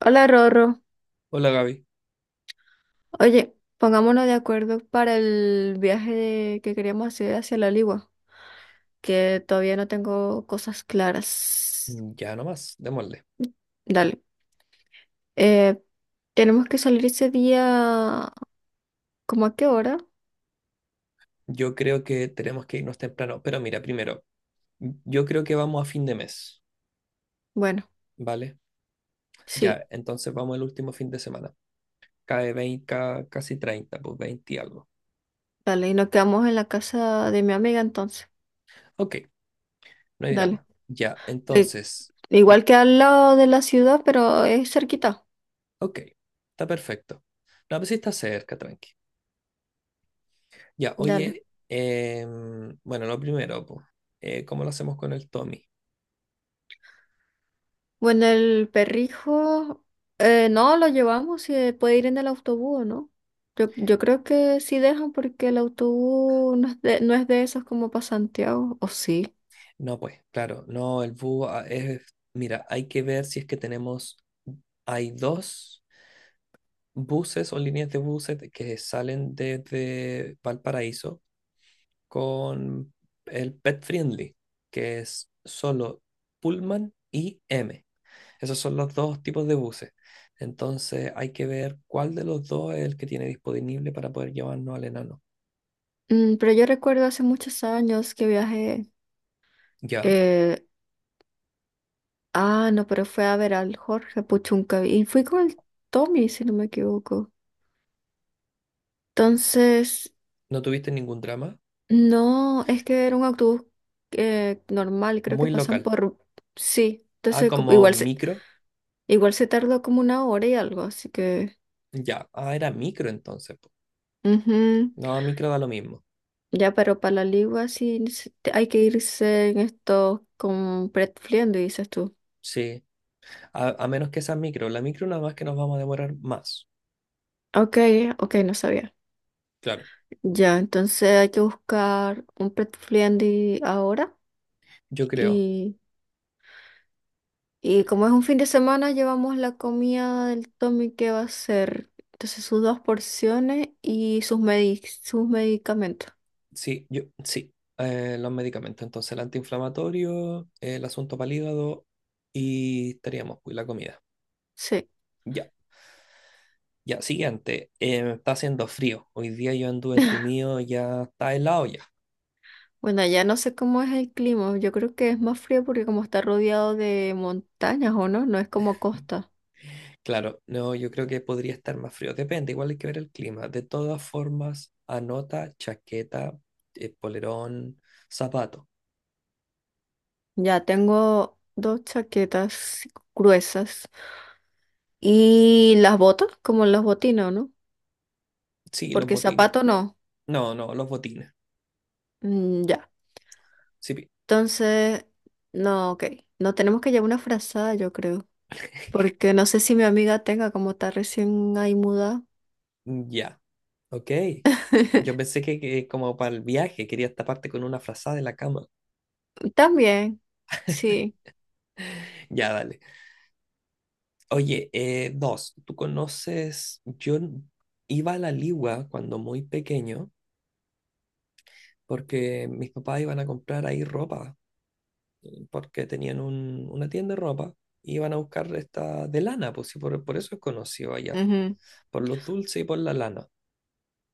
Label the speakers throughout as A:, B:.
A: Hola Rorro.
B: Hola Gaby.
A: Oye, pongámonos de acuerdo para el viaje que queríamos hacer hacia la Ligua, que todavía no tengo cosas claras.
B: Mm, ya nomás, démosle.
A: Dale. Eh, tenemos que salir ese día, ¿cómo a qué hora?
B: Yo creo que tenemos que irnos temprano, pero mira, primero, yo creo que vamos a fin de mes,
A: Bueno,
B: ¿vale?
A: sí,
B: Ya, entonces vamos al último fin de semana. Cae 20, casi 30, pues 20 y algo.
A: dale. Y nos quedamos en la casa de mi amiga entonces.
B: Ok, no hay
A: Dale.
B: drama. Ya,
A: Eh,
B: entonces, mm,
A: igual que al lado de la ciudad, pero es cerquita.
B: ok, está perfecto. No, pues sí está cerca, tranqui. Ya,
A: Dale.
B: oye, bueno, lo primero, pues, ¿cómo lo hacemos con el Tommy?
A: Bueno, el perrijo, no, lo llevamos, si puede ir en el autobús, ¿no? Yo creo que sí dejan porque el autobús no es no es de esos como para Santiago, o sí.
B: No, pues, claro, no, el bus es, mira, hay que ver si es que tenemos, hay dos buses o líneas de buses que salen desde Valparaíso con el Pet Friendly, que es solo Pullman y M. Esos son los dos tipos de buses. Entonces hay que ver cuál de los dos es el que tiene disponible para poder llevarnos al enano.
A: Mm, pero yo recuerdo hace muchos años que viajé,
B: Ya,
A: eh, no, pero fue a ver al Jorge Puchunca y fui con el Tommy, si no me equivoco. Entonces,
B: no tuviste ningún drama,
A: no, es que era un autobús normal, creo que
B: muy
A: pasan
B: local.
A: por, sí,
B: Ah,
A: entonces
B: como
A: igual
B: micro.
A: igual se tardó como una hora y algo, así que…
B: Ya, era micro entonces, po.
A: ujú.
B: No, micro da lo mismo.
A: Ya, pero para la ligua sí hay que irse en esto con pretfliendo, dices tú.
B: Sí, a menos que sea micro. La micro nada más que nos vamos a demorar más.
A: Ok, ok, no sabía.
B: Claro,
A: Ya, entonces hay que buscar un pretfliendi ahora
B: yo creo.
A: y, y como es un fin de semana llevamos la comida del Tommy que va a ser. Entonces sus dos porciones y sus sus medicamentos.
B: Sí, yo, sí. Los medicamentos. Entonces, el antiinflamatorio, el asunto para el hígado y estaríamos, pues, la comida.
A: Sí.
B: Ya, ya, siguiente. Está haciendo frío. Hoy día yo anduve entumido, ya está helado ya.
A: Bueno, allá no sé cómo es el clima. Yo creo que es más frío porque como está rodeado de montañas, ¿o no? No es como costa.
B: Claro, no, yo creo que podría estar más frío. Depende, igual hay que ver el clima. De todas formas, anota chaqueta, polerón, zapato.
A: Ya tengo dos chaquetas gruesas y las botas, como los botines, ¿no?
B: Sí, los
A: Porque
B: botines.
A: zapato no.
B: No, no, los botines.
A: Mm, ya.
B: Sí,
A: Entonces, no, ok. No tenemos que llevar una frazada, yo creo. Porque no sé si mi amiga tenga, como está recién ahí mudada.
B: mm, ya, ok. Yo pensé que como para el viaje querías taparte con una frazada de la cama.
A: También, sí.
B: Ya, dale. Oye, dos, tú conoces, iba a la Ligua cuando muy pequeño porque mis papás iban a comprar ahí ropa porque tenían una tienda de ropa y iban a buscar esta de lana, pues sí, por eso es conocido allá,
A: Ujú,
B: por los dulces y por la lana.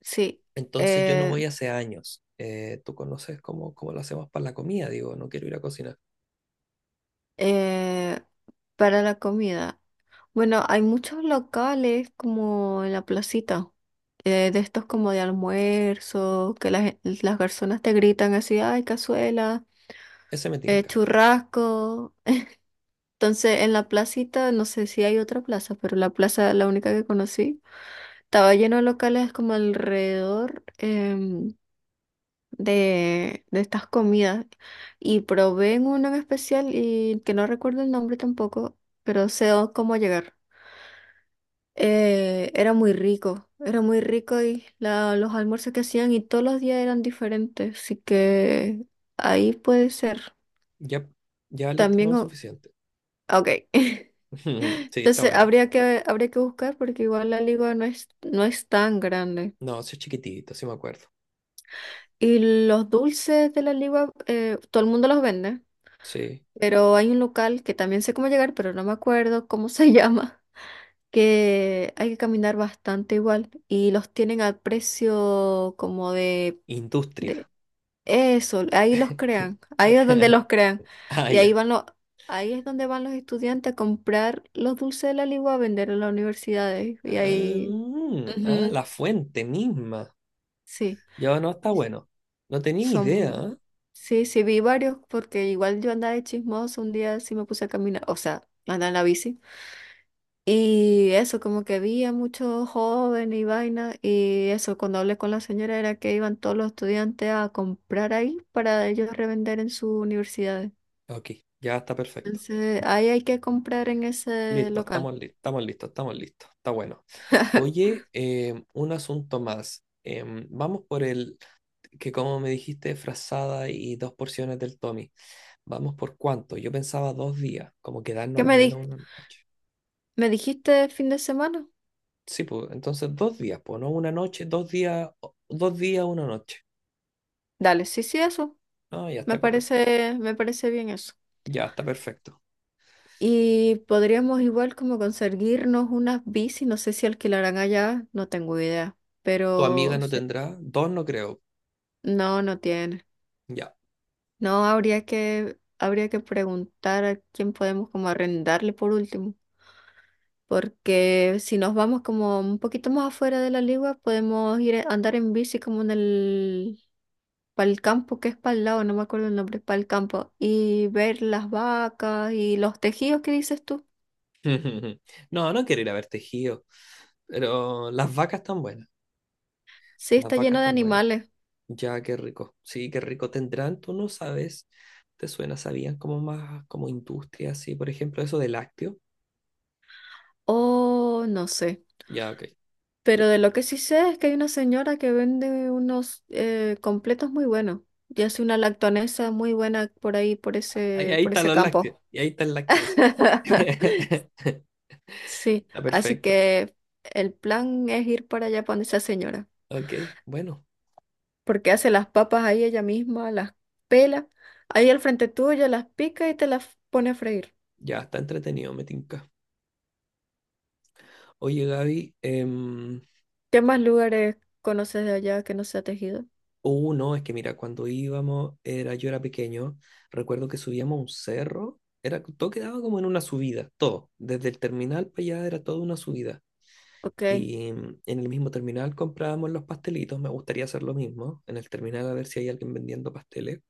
A: sí.
B: Entonces yo no
A: Eh,
B: voy hace años. Tú conoces cómo lo hacemos para la comida, digo, no quiero ir a cocinar.
A: Eh, para la comida. Bueno, hay muchos locales como en la placita, de estos como de almuerzo, que las personas te gritan así, ay, cazuela,
B: Ese me tinca.
A: churrasco. Entonces, en la placita, no sé si hay otra plaza, pero la plaza, la única que conocí, estaba lleno de locales como alrededor, de estas comidas. Y probé en uno en especial y que no recuerdo el nombre tampoco, pero sé cómo llegar. Era muy rico y los almuerzos que hacían y todos los días eran diferentes, así que ahí puede ser.
B: Ya, ya listo,
A: También,
B: no, suficiente.
A: ok.
B: Sí, está
A: Entonces
B: bueno.
A: habría que buscar porque igual la ligua no es tan grande.
B: No, sí es chiquitito, sí me acuerdo.
A: Y los dulces de la ligua, todo el mundo los vende,
B: Sí.
A: pero hay un local que también sé cómo llegar, pero no me acuerdo cómo se llama, que hay que caminar bastante igual y los tienen a precio como de…
B: Industria.
A: De eso, ahí los crean, ahí es donde los crean.
B: Ah,
A: Y
B: ya.
A: ahí es donde van los estudiantes a comprar los dulces de la Ligua a vender en las universidades. Y ahí,
B: Ah, ah,
A: ujú,
B: la fuente misma.
A: sí,
B: Ya no está
A: y
B: bueno. No tenía
A: son,
B: idea.
A: sí, sí, vi varios, porque igual yo andaba de chismoso un día, sí me puse a caminar, o sea, andaba en la bici. Y eso, como que vi a muchos jóvenes y vainas, y eso, cuando hablé con la señora era que iban todos los estudiantes a comprar ahí para ellos revender en sus universidades.
B: ¿Eh? Ok, ya está perfecto.
A: Entonces, ahí hay que comprar en ese
B: Listo, estamos
A: local.
B: listos, estamos listos, estamos listos. Está bueno. Oye, un asunto más. Vamos por el, que como me dijiste, frazada y dos porciones del Tommy. ¿Vamos por cuánto? Yo pensaba 2 días, como quedarnos
A: ¿Qué
B: al menos una noche.
A: me dijiste fin de semana?
B: Sí, pues, entonces 2 días, pues, no una noche, 2 días, 2 días, una noche.
A: Dale, sí, sí, eso.
B: No, ya está correcto.
A: Me parece bien eso.
B: Ya está perfecto.
A: Y podríamos igual como conseguirnos unas bici, no sé si alquilarán allá, no tengo idea,
B: ¿Tu amiga
A: pero
B: no tendrá? Dos no creo.
A: no, no tiene.
B: Ya.
A: No, habría que preguntar a quién podemos como arrendarle por último, porque si nos vamos como un poquito más afuera de la ligua, podemos ir a andar en bici como en el para el campo, que es para el lado, no me acuerdo el nombre, para el campo, y ver las vacas y los tejidos que dices tú.
B: No, no quiero ir a ver tejido, pero las vacas están buenas.
A: Sí,
B: Las
A: está
B: vacas
A: lleno de
B: están buenas.
A: animales.
B: Ya, qué rico. Sí, qué rico tendrán, tú no sabes, te suena, sabían como más como industria, sí, por ejemplo, eso de lácteo.
A: Oh, no sé.
B: Ya, ok.
A: Pero de lo que sí sé es que hay una señora que vende unos completos muy buenos y hace una lactonesa muy buena por ahí,
B: Ahí, ahí
A: por
B: están
A: ese
B: los lácteos,
A: campo.
B: y ahí está el lácteo, decís tú.
A: Sí,
B: Está
A: así
B: perfecto.
A: que el plan es ir para allá para donde esa señora.
B: Ok, bueno,
A: Porque hace las papas ahí ella misma, las pela, ahí al frente tuyo, las pica y te las pone a freír.
B: ya está entretenido, me tinca. Oye, Gaby,
A: ¿Qué más lugares conoces de allá que no sea tejido?
B: no, es que mira, cuando íbamos, era, yo era pequeño, recuerdo que subíamos a un cerro, era, todo quedaba como en una subida, todo, desde el terminal para allá era toda una subida.
A: Ok,
B: Y en el mismo terminal comprábamos los pastelitos. Me gustaría hacer lo mismo. En el terminal a ver si hay alguien vendiendo pasteles.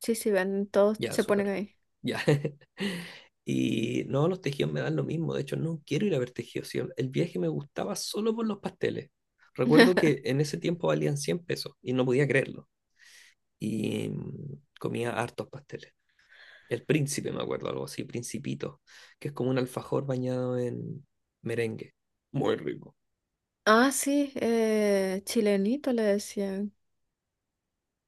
A: sí, sí, ven, todos
B: Ya,
A: se ponen
B: súper.
A: ahí.
B: Ya. Y no, los tejidos me dan lo mismo. De hecho, no quiero ir a ver tejidos. Sí, el viaje me gustaba solo por los pasteles. Recuerdo que en ese tiempo valían 100 pesos y no podía creerlo. Y comía hartos pasteles. El príncipe, me acuerdo, algo así, principito, que es como un alfajor bañado en merengue. Muy rico.
A: Ah, sí, chilenito le decían.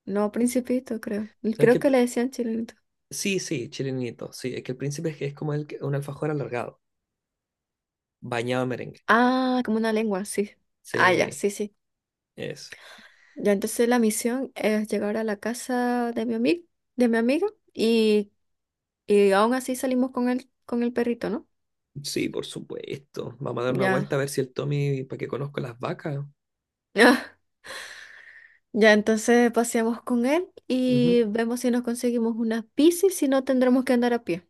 A: No, principito, creo.
B: Es
A: Creo
B: que
A: que le decían chilenito.
B: Sí, sí, chilenito. Sí, es que el príncipe es, que es como un alfajor alargado, bañado en merengue.
A: Ah, como una lengua, sí. Ah, ya,
B: Sí,
A: sí, sí.
B: es.
A: Ya entonces la misión es llegar a la casa de mi amigo, de mi amiga, y, y aún así salimos con el perrito, ¿no?
B: Sí, por supuesto. Vamos a dar una vuelta
A: Ya.
B: a ver si el Tommy, para que conozco las vacas.
A: Ah, ya, entonces paseamos con él
B: Ujú.
A: y vemos si nos conseguimos una bici, si no tendremos que andar a pie.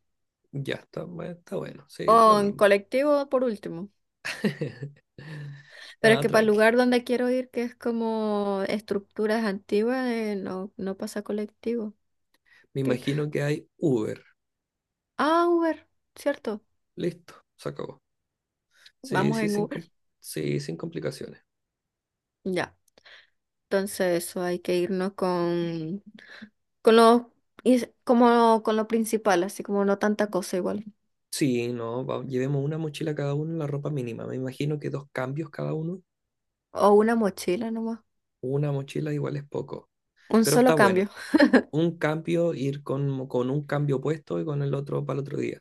B: Ya está, está bueno. Sí,
A: O
B: está lo
A: en
B: mismo.
A: colectivo por último. Pero es
B: Nada,
A: que para el
B: tranqui.
A: lugar donde quiero ir, que es como estructuras antiguas, no, no pasa colectivo.
B: Me
A: Qué?
B: imagino que hay Uber.
A: Ah, Uber, ¿cierto?
B: Listo, se acabó. Sí,
A: Vamos
B: sí,
A: en
B: sin,
A: Uber.
B: sí, sin complicaciones.
A: Ya, entonces eso hay que irnos con lo, como, con lo principal, así como no tanta cosa igual.
B: Sí, no, llevemos una mochila cada uno y la ropa mínima. Me imagino que dos cambios cada uno.
A: O una mochila nomás.
B: Una mochila igual es poco,
A: Un
B: pero
A: solo
B: está bueno.
A: cambio.
B: Un cambio, ir con un cambio puesto y con el otro para el otro día.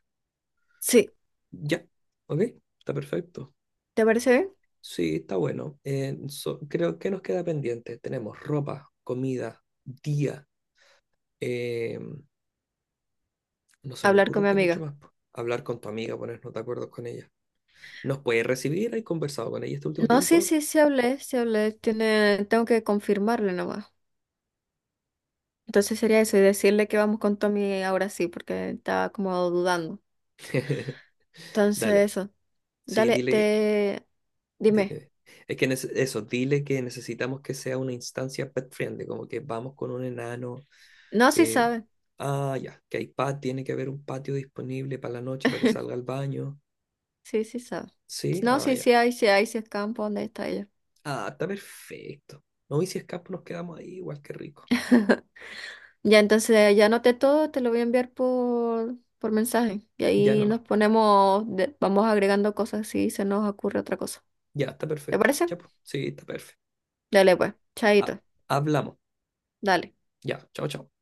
A: Sí,
B: Ya, ok, está perfecto.
A: ¿te parece bien?
B: Sí, está bueno. Creo que nos queda pendiente. Tenemos ropa, comida, día. eh, no se me
A: Hablar con
B: ocurre
A: mi
B: que mucho
A: amiga.
B: más, po. Hablar con tu amiga, ponernos de acuerdo con ella. ¿Nos puede recibir? ¿Has conversado con ella este último
A: No, sí,
B: tiempo?
A: sí, sí hablé, tiene, tengo que confirmarle nomás. Entonces sería eso y decirle que vamos con Tommy ahora sí, porque estaba como dudando. Entonces
B: Dale.
A: eso,
B: Sí,
A: dale,
B: dile,
A: te, dime.
B: dile. Es que eso, dile que necesitamos que sea una instancia pet friendly, como que vamos con un enano,
A: No, sí
B: que,
A: sabe,
B: ya, que hay patio, tiene que haber un patio disponible para la noche para que salga al baño.
A: sí, sí sabe.
B: Sí,
A: No, sí,
B: ya.
A: sí hay, sí hay, sí es campo, ¿dónde está ella?
B: Ah, está perfecto. No, y si escapo nos quedamos ahí, igual que rico.
A: Ya, entonces ya anoté todo, te lo voy a enviar por mensaje y
B: Ya
A: ahí
B: nomás.
A: nos ponemos, vamos agregando cosas si se nos ocurre otra cosa.
B: Ya, está
A: ¿Te
B: perfecto.
A: parece?
B: Ya, pues. Sí, está perfecto.
A: Dale pues,
B: Ah,
A: chaito,
B: hablamos.
A: dale.
B: Ya, chao, chao.